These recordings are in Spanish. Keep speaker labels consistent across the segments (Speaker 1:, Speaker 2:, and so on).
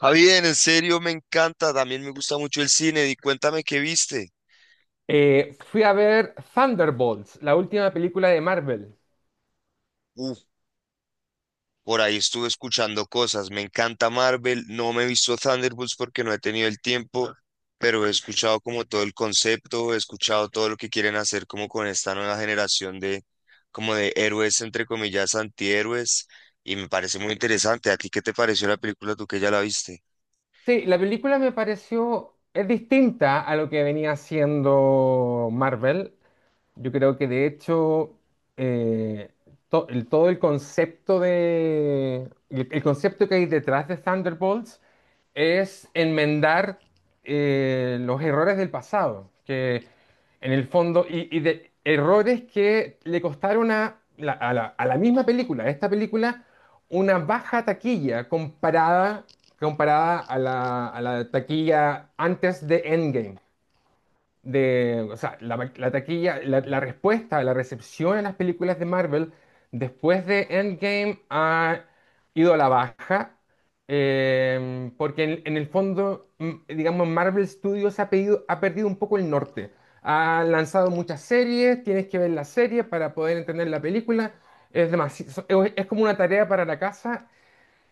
Speaker 1: Javier, en serio me encanta, también me gusta mucho el cine y cuéntame qué viste.
Speaker 2: Fui a ver Thunderbolts, la última película de Marvel.
Speaker 1: Uf, por ahí estuve escuchando cosas, me encanta Marvel, no me he visto Thunderbolts porque no he tenido el tiempo, pero he escuchado como todo el concepto, he escuchado todo lo que quieren hacer como con esta nueva generación de como de héroes entre comillas antihéroes y me parece muy interesante. ¿A ti qué te pareció la película tú que ya la viste?
Speaker 2: Sí, la película me pareció, es distinta a lo que venía haciendo Marvel. Yo creo que de hecho eh, todo el concepto de el concepto que hay detrás de Thunderbolts es enmendar los errores del pasado, que en el fondo y de errores que le costaron a la misma película, a esta película, una baja taquilla comparada a la taquilla antes de Endgame. O sea, la taquilla, la respuesta, la recepción a las películas de Marvel después de Endgame ha ido a la baja, porque en el fondo, digamos, Marvel Studios ha perdido un poco el norte. Ha lanzado muchas series, tienes que ver la serie para poder entender la película. Es demasi- so- Es como una tarea para la casa,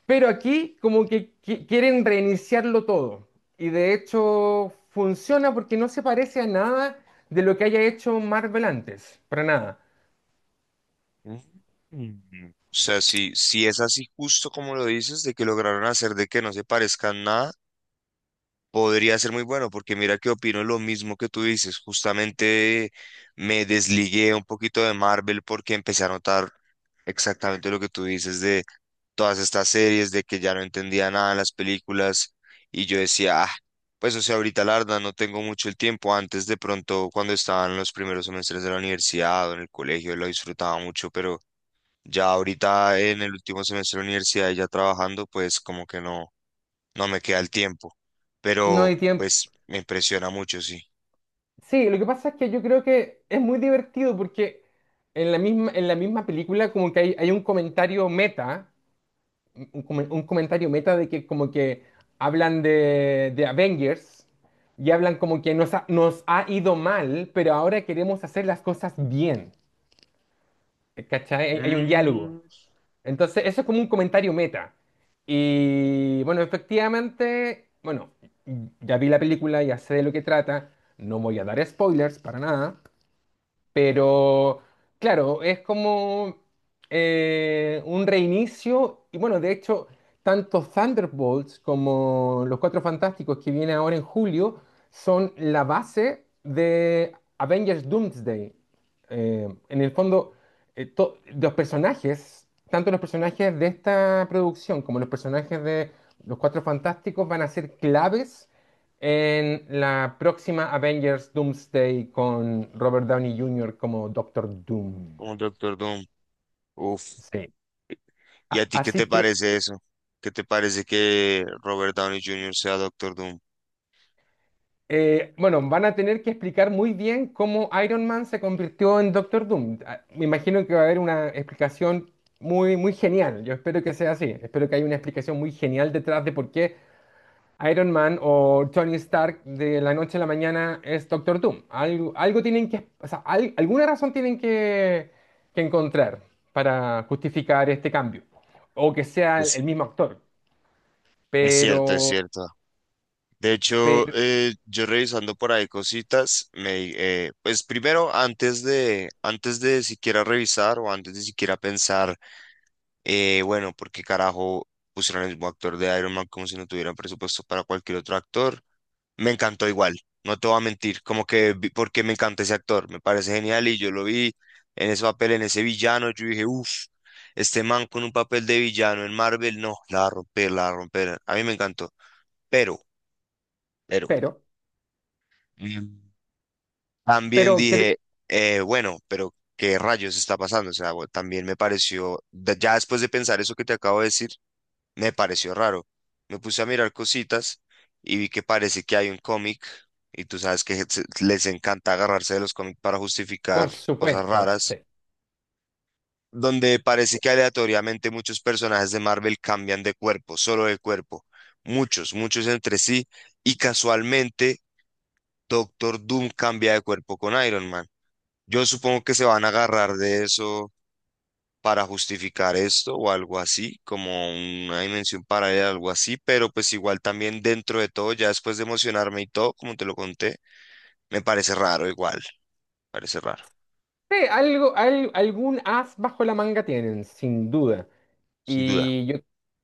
Speaker 2: pero aquí como que quieren reiniciarlo todo. Y de hecho funciona porque no se parece a nada de lo que haya hecho Marvel antes. Para nada.
Speaker 1: Mm. O sea, si es así justo como lo dices, de que lograron hacer de que no se parezcan nada. Podría ser muy bueno, porque mira que opino lo mismo que tú dices. Justamente me desligué un poquito de Marvel porque empecé a notar exactamente lo que tú dices de todas estas series, de que ya no entendía nada en las películas y yo decía, ah, pues o sea, ahorita la verdad no tengo mucho el tiempo. Antes de pronto, cuando estaba en los primeros semestres de la universidad o en el colegio, lo disfrutaba mucho, pero ya ahorita en el último semestre de la universidad y ya trabajando, pues como que no me queda el tiempo,
Speaker 2: No
Speaker 1: pero
Speaker 2: hay tiempo.
Speaker 1: pues me impresiona mucho, sí.
Speaker 2: Sí, lo que pasa es que yo creo que es muy divertido porque en la misma película como que hay un comentario meta, un comentario meta de que como que hablan de Avengers y hablan como que nos ha ido mal, pero ahora queremos hacer las cosas bien. ¿Cachai? Hay un diálogo.
Speaker 1: Mm,
Speaker 2: Entonces, eso es como un comentario meta. Y bueno, efectivamente, bueno, ya vi la película, ya sé de lo que trata, no voy a dar spoilers para nada, pero claro, es como un reinicio. Y bueno, de hecho, tanto Thunderbolts como Los Cuatro Fantásticos que viene ahora en julio son la base de Avengers Doomsday. En el fondo, los personajes, tanto los personajes de esta producción como los personajes de Los Cuatro Fantásticos van a ser claves en la próxima Avengers Doomsday con Robert Downey Jr. como Doctor Doom.
Speaker 1: un Doctor Doom. Uf.
Speaker 2: Sí.
Speaker 1: ¿Y a ti qué te
Speaker 2: Así que,
Speaker 1: parece eso? ¿Qué te parece que Robert Downey Jr. sea Doctor Doom?
Speaker 2: bueno, van a tener que explicar muy bien cómo Iron Man se convirtió en Doctor Doom. Ah, me imagino que va a haber una explicación muy, muy genial. Yo espero que sea así. Espero que haya una explicación muy genial detrás de por qué Iron Man o Tony Stark de la noche a la mañana es Doctor Doom. Algo, algo tienen que, o sea, alguna razón tienen que encontrar para justificar este cambio. O que sea el
Speaker 1: Es,
Speaker 2: mismo actor.
Speaker 1: es cierto, es
Speaker 2: Pero,
Speaker 1: cierto. De hecho,
Speaker 2: pero,
Speaker 1: yo revisando por ahí cositas, me, pues primero, antes de siquiera revisar o antes de siquiera pensar, bueno, ¿por qué carajo pusieron el mismo actor de Iron Man como si no tuvieran presupuesto para cualquier otro actor? Me encantó igual, no te voy a mentir, como que porque me encanta ese actor, me parece genial y yo lo vi en ese papel, en ese villano, yo dije, uff, este man con un papel de villano en Marvel, no, la va a romper, la va a romper, a mí me encantó, pero, pero,
Speaker 2: pero,
Speaker 1: mm, también
Speaker 2: pero, que-
Speaker 1: dije, bueno, pero ¿qué rayos está pasando? O sea, bueno, también me pareció, ya después de pensar eso que te acabo de decir, me pareció raro. Me puse a mirar cositas y vi que parece que hay un cómic y tú sabes que les encanta agarrarse de los cómics para justificar
Speaker 2: por
Speaker 1: cosas
Speaker 2: supuesto, sí.
Speaker 1: raras, donde parece que aleatoriamente muchos personajes de Marvel cambian de cuerpo, solo de cuerpo, muchos entre sí y casualmente Doctor Doom cambia de cuerpo con Iron Man. Yo supongo que se van a agarrar de eso para justificar esto o algo así, como una dimensión paralela, algo así, pero pues igual también dentro de todo, ya después de emocionarme y todo, como te lo conté, me parece raro igual, parece raro,
Speaker 2: Sí, algo, algún as bajo la manga tienen, sin duda.
Speaker 1: sin duda.
Speaker 2: Y yo,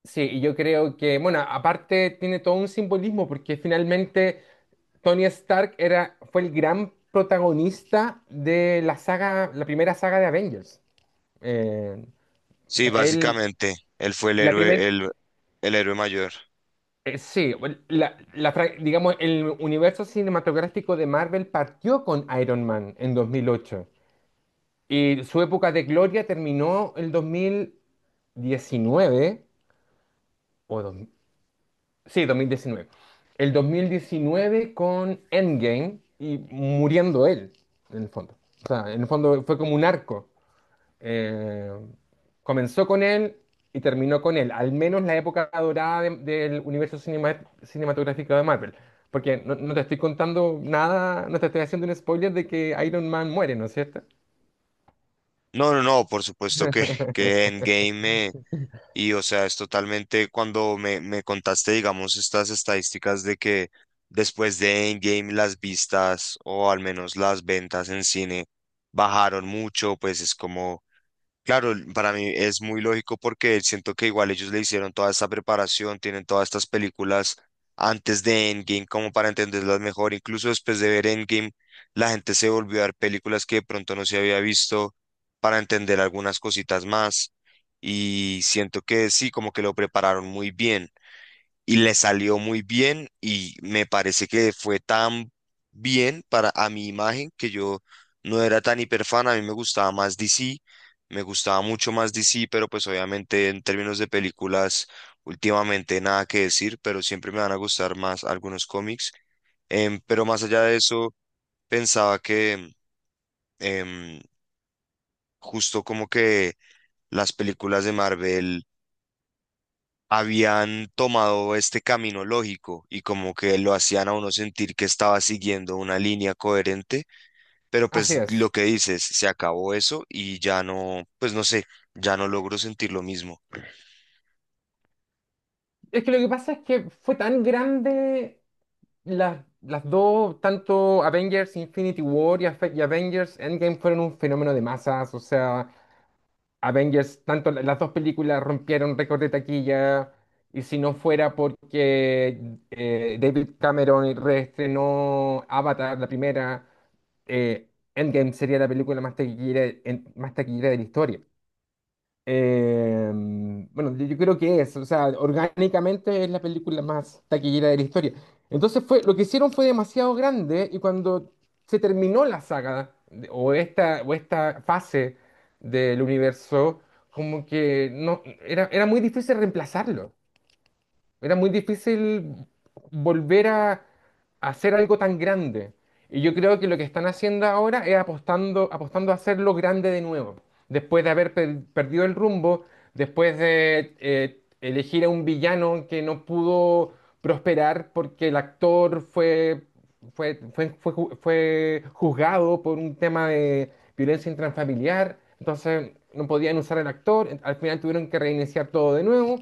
Speaker 2: sí, y yo creo que, bueno, aparte tiene todo un simbolismo porque finalmente Tony Stark era, fue el gran protagonista de la saga, la primera saga de Avengers. Eh, o
Speaker 1: Sí,
Speaker 2: sea, él,
Speaker 1: básicamente, él fue
Speaker 2: la primera,
Speaker 1: el héroe mayor.
Speaker 2: sí, digamos, el universo cinematográfico de Marvel partió con Iron Man en 2008 y su época de gloria terminó el dos mil diecinueve o dos- sí, dos mil diecinueve. El 2019 con Endgame y muriendo él, en el fondo. O sea, en el fondo fue como un arco. Eh, Comenzó con él y terminó con él, al menos la época dorada del universo cinematográfico de Marvel. Porque no, no te estoy contando nada, no te estoy haciendo un spoiler de que Iron Man muere, ¿no es cierto?
Speaker 1: No, no, no, por supuesto que Endgame me, y o sea, es totalmente cuando me contaste, digamos, estas estadísticas de que después de Endgame las vistas o al menos las ventas en cine bajaron mucho, pues es como, claro, para mí es muy lógico porque siento que igual ellos le hicieron toda esta preparación, tienen todas estas películas antes de Endgame como para entenderlas mejor. Incluso después de ver Endgame, la gente se volvió a ver películas que de pronto no se había visto para entender algunas cositas más. Y siento que sí, como que lo prepararon muy bien y le salió muy bien y me parece que fue tan bien para a mi imagen que yo no era tan hiperfan, a mí me gustaba más DC, me gustaba mucho más DC, pero pues obviamente en términos de películas últimamente nada que decir, pero siempre me van a gustar más algunos cómics. Pero más allá de eso, pensaba que em, justo como que las películas de Marvel habían tomado este camino lógico y como que lo hacían a uno sentir que estaba siguiendo una línea coherente, pero
Speaker 2: Así
Speaker 1: pues lo
Speaker 2: es.
Speaker 1: que dices, se acabó eso y ya no, pues no sé, ya no logro sentir lo mismo.
Speaker 2: Es que lo que pasa es que fue tan grande las dos, tanto Avengers Infinity War y Avengers Endgame fueron un fenómeno de masas, o sea, Avengers, tanto las dos películas rompieron récord de taquilla, y si no fuera porque David Cameron reestrenó Avatar, la primera, eh, Endgame sería la película más taquillera, más taquillera de la historia. Eh, bueno, yo creo que es, o sea, orgánicamente es la película más taquillera de la historia. Entonces fue, lo que hicieron fue demasiado grande y cuando se terminó la saga o esta fase del universo, como que no, era, era muy difícil reemplazarlo. Era muy difícil volver a hacer algo tan grande. Y yo creo que lo que están haciendo ahora es apostando, apostando a hacerlo grande de nuevo. Después de haber perdido el rumbo, después de elegir a un villano que no pudo prosperar porque el actor fue juzgado por un tema de violencia intrafamiliar. Entonces no podían usar al actor. Al final tuvieron que reiniciar todo de nuevo.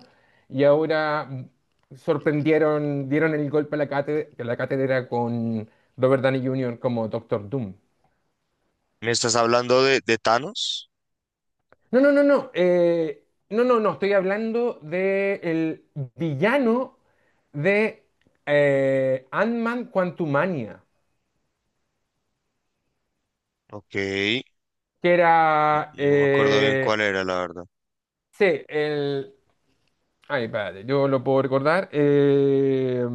Speaker 2: Y ahora sorprendieron, dieron el golpe a la cátedra con Robert Downey Jr. como Doctor Doom.
Speaker 1: ¿Me estás hablando de Thanos?
Speaker 2: No, no, no, no. No, no, no. Estoy hablando de el villano de Ant-Man Quantumania,
Speaker 1: Ok,
Speaker 2: que era.
Speaker 1: no me acuerdo bien cuál era, la verdad.
Speaker 2: Sí, el. Ay, espérate, yo lo puedo recordar.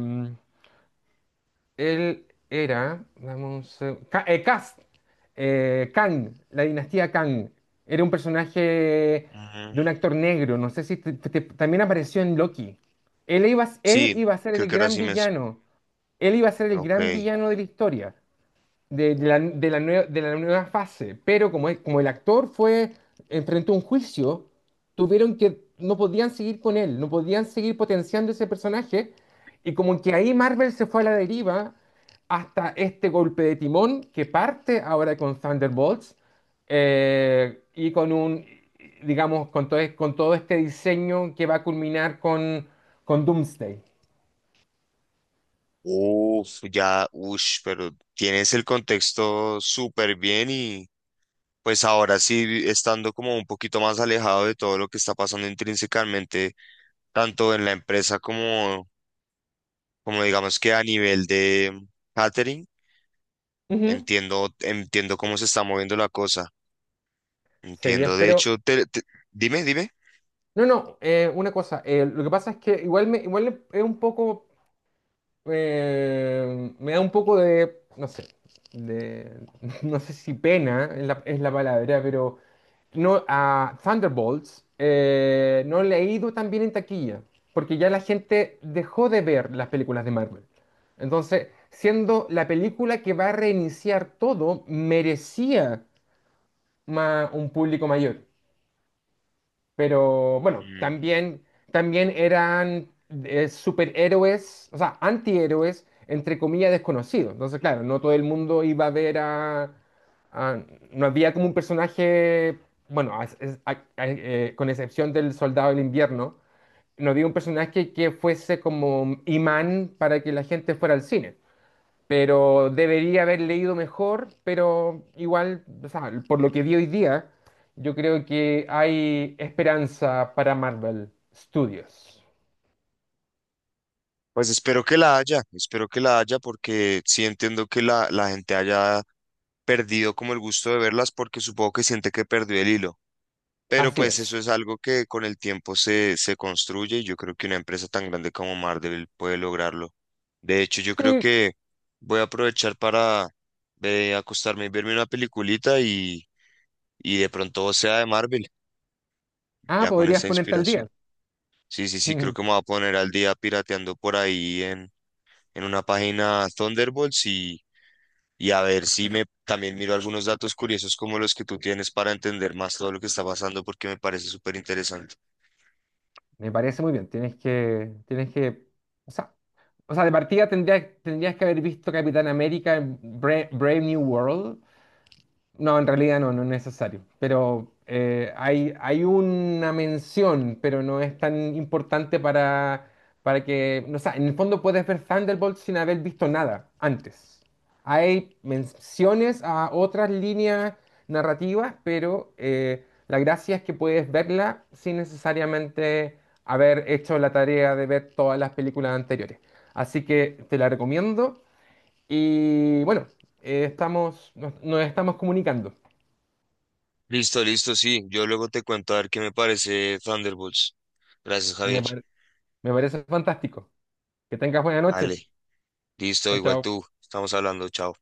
Speaker 2: Él era, dame un seg- Ka- Kast, Kang, la dinastía Kang. Era un personaje
Speaker 1: Ujú.
Speaker 2: de un actor negro, no sé si también apareció en Loki. Él
Speaker 1: Sí,
Speaker 2: iba a ser
Speaker 1: creo
Speaker 2: el
Speaker 1: que era
Speaker 2: gran
Speaker 1: así mismo.
Speaker 2: villano, él iba a ser el
Speaker 1: Ok.
Speaker 2: gran villano de la historia de la nueva fase, pero como, como el actor fue, enfrentó un juicio, tuvieron que, no podían seguir con él, no podían seguir potenciando ese personaje, y como que ahí Marvel se fue a la deriva hasta este golpe de timón que parte ahora con Thunderbolts, y con un, digamos, con todo este diseño que va a culminar con Doomsday.
Speaker 1: Uf, ya, ush, pero tienes el contexto súper bien y, pues ahora sí, estando como un poquito más alejado de todo lo que está pasando intrínsecamente, tanto en la empresa como, como digamos que a nivel de catering,
Speaker 2: Ujú.
Speaker 1: entiendo, entiendo cómo se está moviendo la cosa.
Speaker 2: Sí, yo
Speaker 1: Entiendo, de
Speaker 2: espero.
Speaker 1: hecho, dime, dime.
Speaker 2: No, no, una cosa, lo que pasa es que igual me, igual es un poco, me da un poco de, no sé, de, no sé si pena es es la palabra, pero no, a Thunderbolts no le ha ido tan bien en taquilla, porque ya la gente dejó de ver las películas de Marvel. Entonces, siendo la película que va a reiniciar todo, merecía un público mayor. Pero bueno,
Speaker 1: Mm,
Speaker 2: también, también eran superhéroes, o sea, antihéroes, entre comillas, desconocidos. Entonces, claro, no todo el mundo iba a ver a... a- no había como un personaje, bueno, con excepción del Soldado del Invierno, no había un personaje que fuese como imán para que la gente fuera al cine, pero debería haber leído mejor, pero igual, o sea, por lo que vi hoy día, yo creo que hay esperanza para Marvel Studios.
Speaker 1: pues espero que la haya, espero que la haya porque sí entiendo que la gente haya perdido como el gusto de verlas porque supongo que siente que perdió el hilo. Pero
Speaker 2: Así
Speaker 1: pues
Speaker 2: es.
Speaker 1: eso es algo que con el tiempo se, se construye y yo creo que una empresa tan grande como Marvel puede lograrlo. De hecho, yo creo
Speaker 2: Sí.
Speaker 1: que voy a aprovechar para acostarme y verme una peliculita y de pronto sea de Marvel,
Speaker 2: Ah,
Speaker 1: ya con
Speaker 2: podrías
Speaker 1: esa
Speaker 2: ponerte al
Speaker 1: inspiración.
Speaker 2: día.
Speaker 1: Sí, sí, sí, creo
Speaker 2: Mm,
Speaker 1: que me voy a poner al día pirateando por ahí en una página Thunderbolts y a ver si me también miro algunos datos curiosos como los que tú tienes para entender más todo lo que está pasando porque me parece súper interesante.
Speaker 2: me parece muy bien. Tienes que, o sea, o sea, de partida tendrías, tendrías que haber visto Capitán América en Brave New World. No, en realidad no, no es necesario. Pero hay, hay una mención, pero no es tan importante para que. No, o sea, en el fondo puedes ver Thunderbolt sin haber visto nada antes. Hay menciones a otras líneas narrativas, pero la gracia es que puedes verla sin necesariamente haber hecho la tarea de ver todas las películas anteriores. Así que te la recomiendo. Y bueno, estamos, nos estamos comunicando.
Speaker 1: Listo, listo, sí. Yo luego te cuento a ver qué me parece Thunderbolts. Gracias,
Speaker 2: Me,
Speaker 1: Javier.
Speaker 2: pare- Me parece fantástico. Que tengas buena noche.
Speaker 1: Ale, listo,
Speaker 2: Chao,
Speaker 1: igual
Speaker 2: chao.
Speaker 1: tú. Estamos hablando, chao.